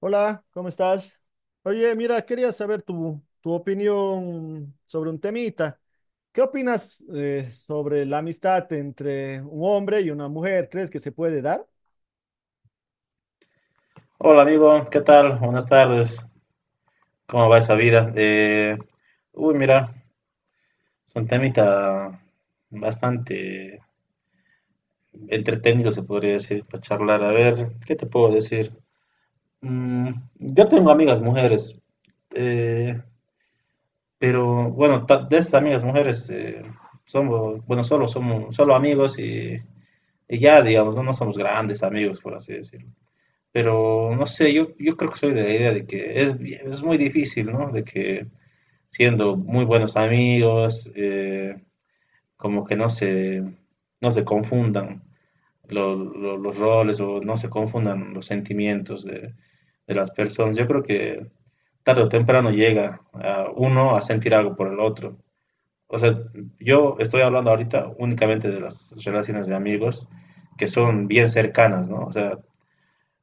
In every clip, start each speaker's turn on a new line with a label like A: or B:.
A: Hola, ¿cómo estás? Oye, mira, quería saber tu opinión sobre un temita. ¿Qué opinas sobre la amistad entre un hombre y una mujer? ¿Crees que se puede dar?
B: Hola amigo, ¿qué tal? Buenas tardes. ¿Cómo va esa vida? Uy, mira, es un temita bastante entretenido, se podría decir, para charlar. A ver, ¿qué te puedo decir? Mm, yo tengo amigas mujeres, eh, pero bueno, de esas amigas mujeres somos, bueno, solo somos, solo amigos y, ya, digamos, no, no somos grandes amigos, por así decirlo. Pero no sé, yo creo que soy de la idea de que es muy difícil, ¿no? De que siendo muy buenos amigos, como que no se, no se confundan los roles o no se confundan los sentimientos de las personas. Yo creo que tarde o temprano llega a uno a sentir algo por el otro. O sea, yo estoy hablando ahorita únicamente de las relaciones de amigos que son bien cercanas, ¿no? O sea,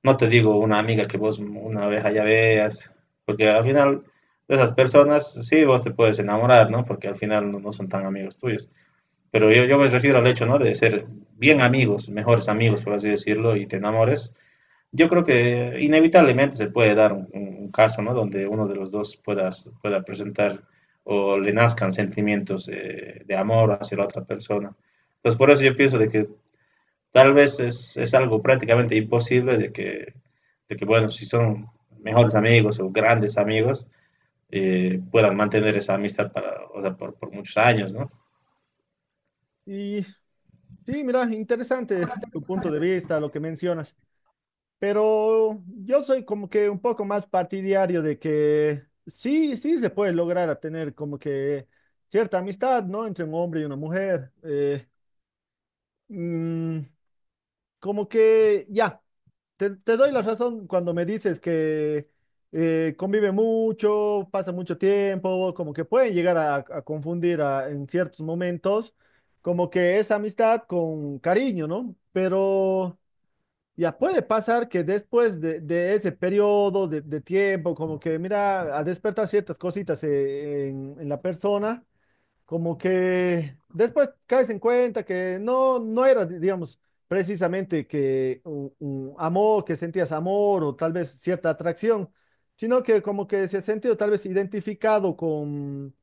B: no te digo una amiga que vos una vez allá veas, porque al final de esas personas sí vos te puedes enamorar, ¿no? Porque al final no, no son tan amigos tuyos. Pero yo me refiero al hecho, ¿no? De ser bien amigos, mejores amigos, por así decirlo, y te enamores. Yo creo que inevitablemente se puede dar un caso, ¿no? Donde uno de los dos pueda presentar o le nazcan sentimientos de amor hacia la otra persona. Entonces, por eso yo pienso de que tal vez es algo prácticamente imposible de que, bueno, si son mejores amigos o grandes amigos, puedan mantener esa amistad para, o sea, por muchos años, ¿no?
A: Y sí, mira, interesante tu punto de vista, lo que mencionas, pero yo soy como que un poco más partidario de que sí se puede lograr a tener como que cierta amistad, ¿no? Entre un hombre y una mujer. Mm, Como que ya. Te doy la razón cuando me dices que convive mucho, pasa mucho tiempo, como que pueden llegar a confundir en ciertos momentos, como que es amistad con cariño, ¿no? Pero ya puede pasar que después de ese periodo de tiempo, como que mira, a despertar ciertas cositas en la persona, como que después caes en cuenta que no, no era, digamos, precisamente que un amor, que sentías amor o tal vez cierta atracción, sino que como que se ha sentido tal vez identificado con,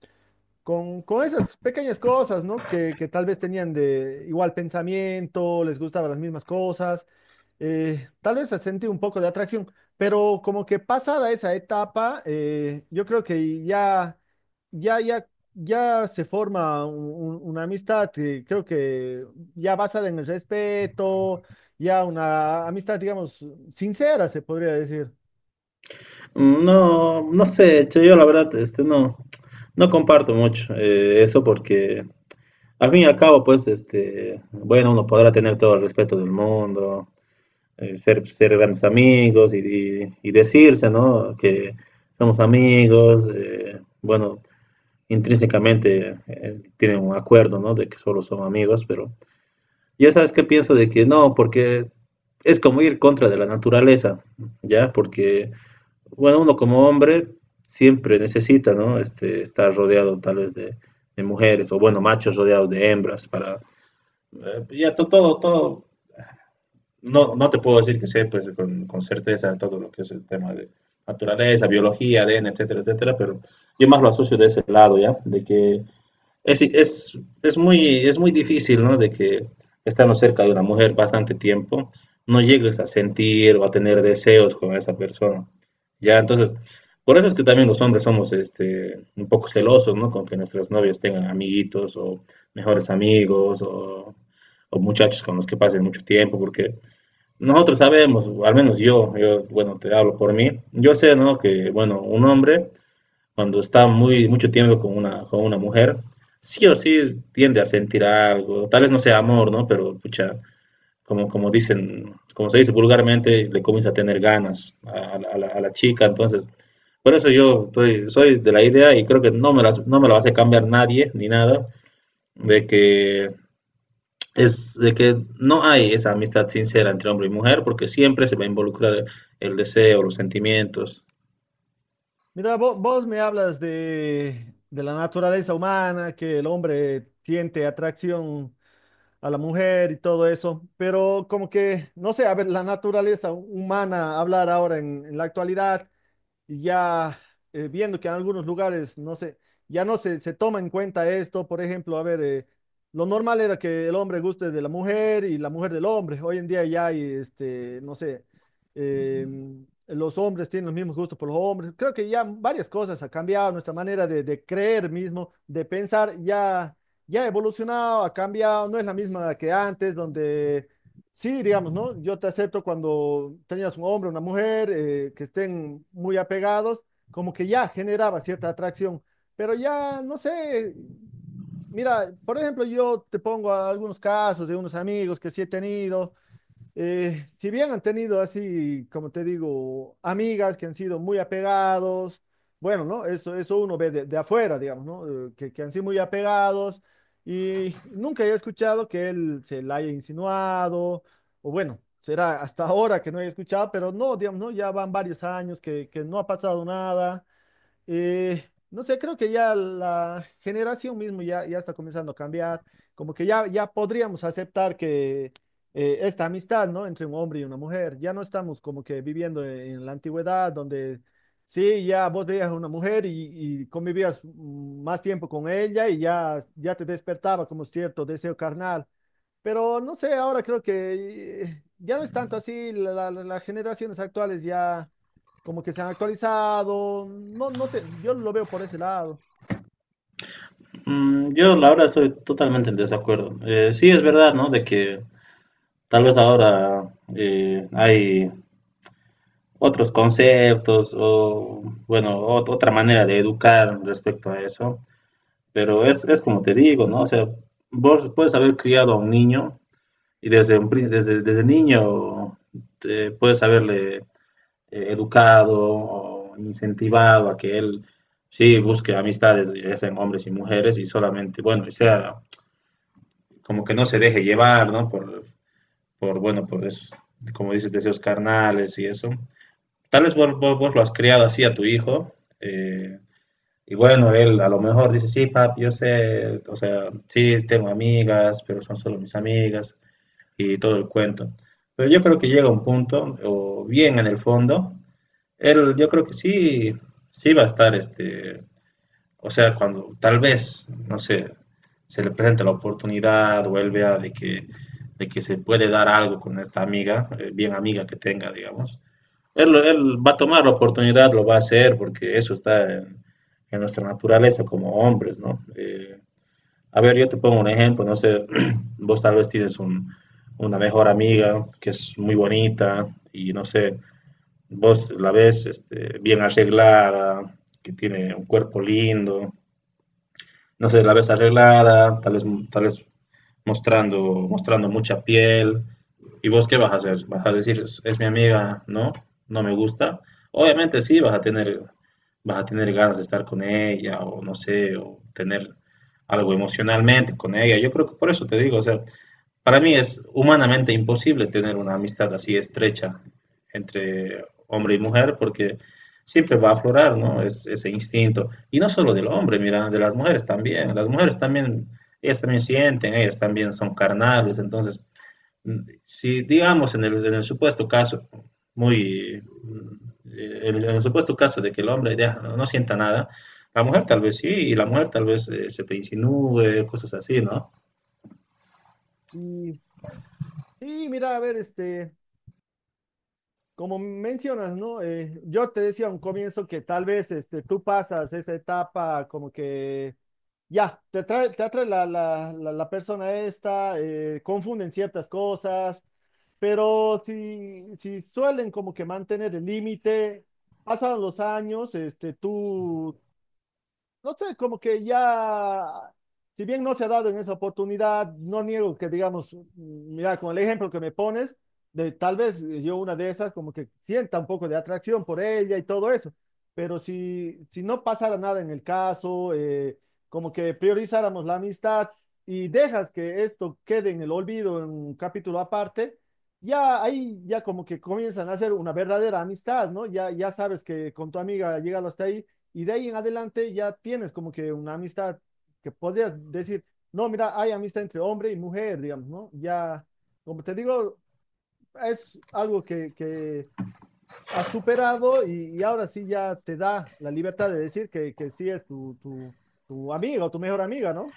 A: con, con esas pequeñas cosas, ¿no? Que tal vez tenían de igual pensamiento, les gustaban las mismas cosas, tal vez se sentido un poco de atracción, pero como que pasada esa etapa, yo creo que ya, ya, ya se forma una amistad, creo que ya basada en el respeto, ya una amistad, digamos, sincera, se podría decir.
B: No, no sé, yo la verdad este, no, no comparto mucho eso porque al fin y al cabo, pues, este, bueno, uno podrá tener todo el respeto del mundo, ser, ser grandes amigos y, y decirse, ¿no? Que somos amigos, bueno, intrínsecamente tienen un acuerdo, ¿no? De que solo son amigos, pero ya sabes que pienso de que no, porque es como ir contra de la naturaleza, ¿ya? Porque, bueno, uno como hombre siempre necesita, ¿no? Este, estar rodeado tal vez de mujeres o, bueno, machos rodeados de hembras para... ya todo, todo, no, no te puedo decir que sé, pues, con certeza todo lo que es el tema de naturaleza, biología, ADN, etcétera, etcétera, pero yo más lo asocio de ese lado, ¿ya? De que es, es, es muy difícil, ¿no? De que estando cerca de una mujer bastante tiempo, no llegues a sentir o a tener deseos con esa persona. Ya, entonces, por eso es que también los hombres somos este, un poco celosos, ¿no? Con que nuestras novias tengan amiguitos o mejores amigos o muchachos con los que pasen mucho tiempo, porque nosotros sabemos, o al menos yo, bueno, te hablo por mí, yo sé, ¿no? Que, bueno, un hombre cuando está muy, mucho tiempo con con una mujer, sí o sí tiende a sentir algo, tal vez no sea amor, ¿no? Pero, pucha, como, como dicen, como se dice vulgarmente, le comienza a tener ganas a, la, a la chica, entonces, por eso yo estoy, soy de la idea y creo que no me lo va a hacer cambiar nadie, ni nada, de que es, de que no hay esa amistad sincera entre hombre y mujer, porque siempre se va a involucrar el deseo, los sentimientos.
A: Mira, vos, me hablas de la naturaleza humana, que el hombre siente atracción a la mujer y todo eso, pero como que, no sé, a ver, la naturaleza humana, hablar ahora en la actualidad. Y ya viendo que en algunos lugares, no sé, ya no se toma en cuenta esto, por ejemplo, a ver, lo normal era que el hombre guste de la mujer y la mujer del hombre, hoy en día ya hay, este, no sé, eh, los hombres tienen los mismos gustos por los hombres, creo que ya varias cosas han cambiado, nuestra manera de creer mismo, de pensar, ya ha evolucionado, ha cambiado, no es la misma que antes, donde... Sí, digamos, ¿no? Yo te acepto cuando tenías un hombre, una mujer, que estén muy apegados, como que ya generaba cierta atracción, pero ya, no sé, mira, por ejemplo, yo te pongo a algunos casos de unos amigos que sí he tenido, si bien han tenido así, como te digo, amigas que han sido muy apegados, bueno, ¿no? Eso uno ve de afuera, digamos, ¿no? Que han sido muy apegados y nunca he escuchado que él se la haya insinuado, o bueno, será hasta ahora que no he escuchado, pero no, digamos, ¿no? Ya van varios años que no ha pasado nada. No sé, creo que ya la generación mismo ya está comenzando a cambiar, como que ya podríamos aceptar que esta amistad, ¿no? Entre un hombre y una mujer, ya no estamos como que viviendo en la antigüedad donde sí, ya vos veías a una mujer y convivías más tiempo con ella y ya te despertaba como cierto deseo carnal. Pero no sé, ahora creo que ya no es tanto así, las generaciones actuales ya como que se han actualizado, no, no sé, yo lo veo por ese lado.
B: Yo, la verdad, estoy totalmente en desacuerdo. Sí, es verdad, ¿no? De que tal vez ahora hay otros conceptos o, bueno, otra manera de educar respecto a eso. Pero es como te digo, ¿no? O sea, vos puedes haber criado a un niño y desde, desde, desde niño puedes haberle educado o incentivado a que él sí busque amistades, ya sean hombres y mujeres, y solamente, bueno, y sea como que no se deje llevar, ¿no? Por bueno, por esos, como dices, deseos carnales y eso. Tal vez vos lo has criado así a tu hijo, eh, y bueno, él a lo mejor dice, sí, papi, yo sé, o sea, sí, tengo amigas, pero son solo mis amigas y todo el cuento. Pero yo creo que llega un punto, o bien en el fondo, él yo creo que sí, sí va a estar este, o sea, cuando tal vez, no sé, se le presente la oportunidad o él vea de que se puede dar algo con esta amiga, bien amiga que tenga, digamos, él, él va a tomar la oportunidad, lo va a hacer, porque eso está en nuestra naturaleza como hombres, ¿no? A ver, yo te pongo un ejemplo, no sé, vos tal vez tienes una mejor amiga que es muy bonita y no sé, vos la ves este, bien arreglada, que tiene un cuerpo lindo, no sé, la ves arreglada, tal vez mostrando, mostrando mucha piel. ¿Y vos qué vas a hacer? ¿Vas a decir, es mi amiga, no? ¿No me gusta? Obviamente sí, vas a tener ganas de estar con ella o no sé, o tener algo emocionalmente con ella. Yo creo que por eso te digo, o sea, para mí es humanamente imposible tener una amistad así estrecha entre hombre y mujer porque siempre va a aflorar, ¿no? Es, ese instinto. Y no solo del hombre, mira, de las mujeres también. Las mujeres también, ellas también sienten, ellas también son carnales. Entonces, si digamos en el supuesto caso, muy, en el supuesto caso de que el hombre ya no sienta nada, la mujer tal vez sí, y la mujer tal vez se te insinúe, cosas así, ¿no?
A: Y, y mira, a ver, este, como mencionas, ¿no? Yo te decía a un comienzo que tal vez este, tú pasas esa etapa como que ya, te atrae la, la persona esta, confunden ciertas cosas, pero si, si suelen como que mantener el límite, pasan los años, este, tú no sé, como que ya, si bien no se ha dado en esa oportunidad, no niego que digamos, mm, mira, con el ejemplo que me pones, de tal vez yo una de esas como que sienta un poco de atracción por ella y todo eso, pero si, si no pasara nada en el caso, como que priorizáramos la amistad y dejas que esto quede en el olvido en un capítulo aparte, ya ahí ya como que comienzan a hacer una verdadera amistad, ¿no? Ya, ya sabes que con tu amiga llegado hasta ahí y de ahí en adelante ya tienes como que una amistad que podrías decir, no, mira, hay amistad entre hombre y mujer, digamos, ¿no? Ya, como te digo, es algo que has superado y ahora sí ya te da la libertad de decir que sí es tu amiga o tu mejor amiga, ¿no?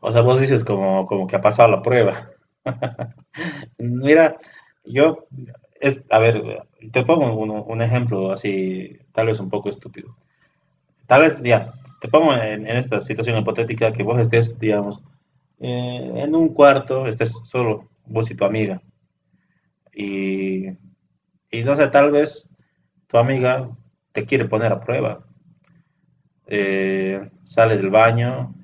B: O sea, vos dices como, como que ha pasado la prueba. Mira, yo, es, a ver, te pongo un ejemplo así, tal vez un poco estúpido. Tal vez, ya, te pongo en esta situación hipotética que vos estés, digamos, en un cuarto, estés solo, vos y tu amiga, y, y no sé, tal vez tu amiga te quiere poner a prueba. Sale del baño,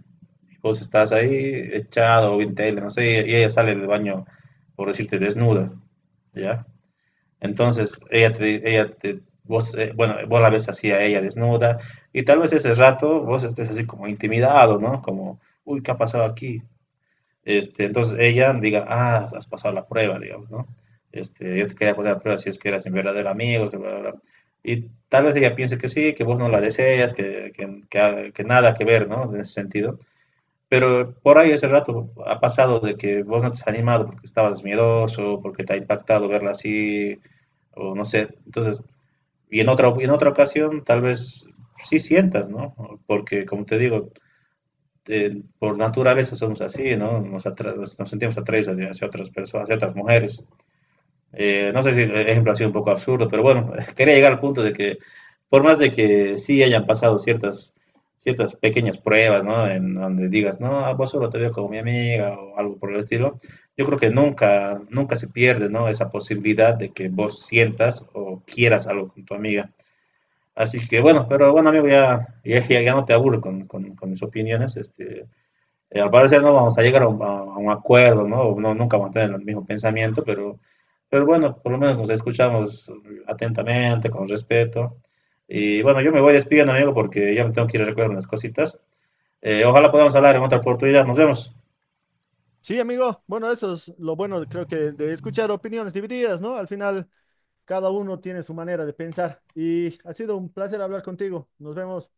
B: vos estás ahí echado o en tele, no sé, y ella sale del baño, por decirte, desnuda, ¿ya? Entonces, bueno, vos la ves así a ella desnuda, y tal vez ese rato vos estés así como intimidado, ¿no? Como, uy, ¿qué ha pasado aquí? Este, entonces ella diga, ah, has pasado la prueba, digamos, ¿no? Este, yo te quería poner a prueba si es que eras un verdadero amigo, que bla, bla, bla. Y tal vez ella piense que sí, que vos no la deseas, que, que nada que ver, ¿no? En ese sentido. Pero por ahí ese rato ha pasado de que vos no te has animado porque estabas miedoso, porque te ha impactado verla así, o no sé. Entonces, y en otra ocasión tal vez sí sientas, ¿no? Porque, como te digo, por naturaleza somos así, ¿no? Nos, atra nos sentimos atraídos hacia, hacia otras personas, hacia otras mujeres. No sé si el ejemplo ha sido un poco absurdo, pero bueno, quería llegar al punto de que, por más de que sí hayan pasado ciertas, ciertas pequeñas pruebas, ¿no? En donde digas, no, a vos solo te veo como mi amiga o algo por el estilo, yo creo que nunca, nunca se pierde, ¿no? Esa posibilidad de que vos sientas o quieras algo con tu amiga. Así que bueno, pero bueno, amigo, ya no te aburro con mis opiniones. Este, al parecer no vamos a llegar a a un acuerdo, ¿no? No, nunca vamos a tener el mismo pensamiento, pero bueno, por lo menos nos escuchamos atentamente, con respeto. Y bueno, yo me voy despidiendo, amigo, porque ya me tengo que ir a recoger unas cositas. Ojalá podamos hablar en otra oportunidad. Nos vemos.
A: Sí, amigo, bueno, eso es lo bueno, creo que de escuchar opiniones divididas, ¿no? Al final, cada uno tiene su manera de pensar y ha sido un placer hablar contigo. Nos vemos.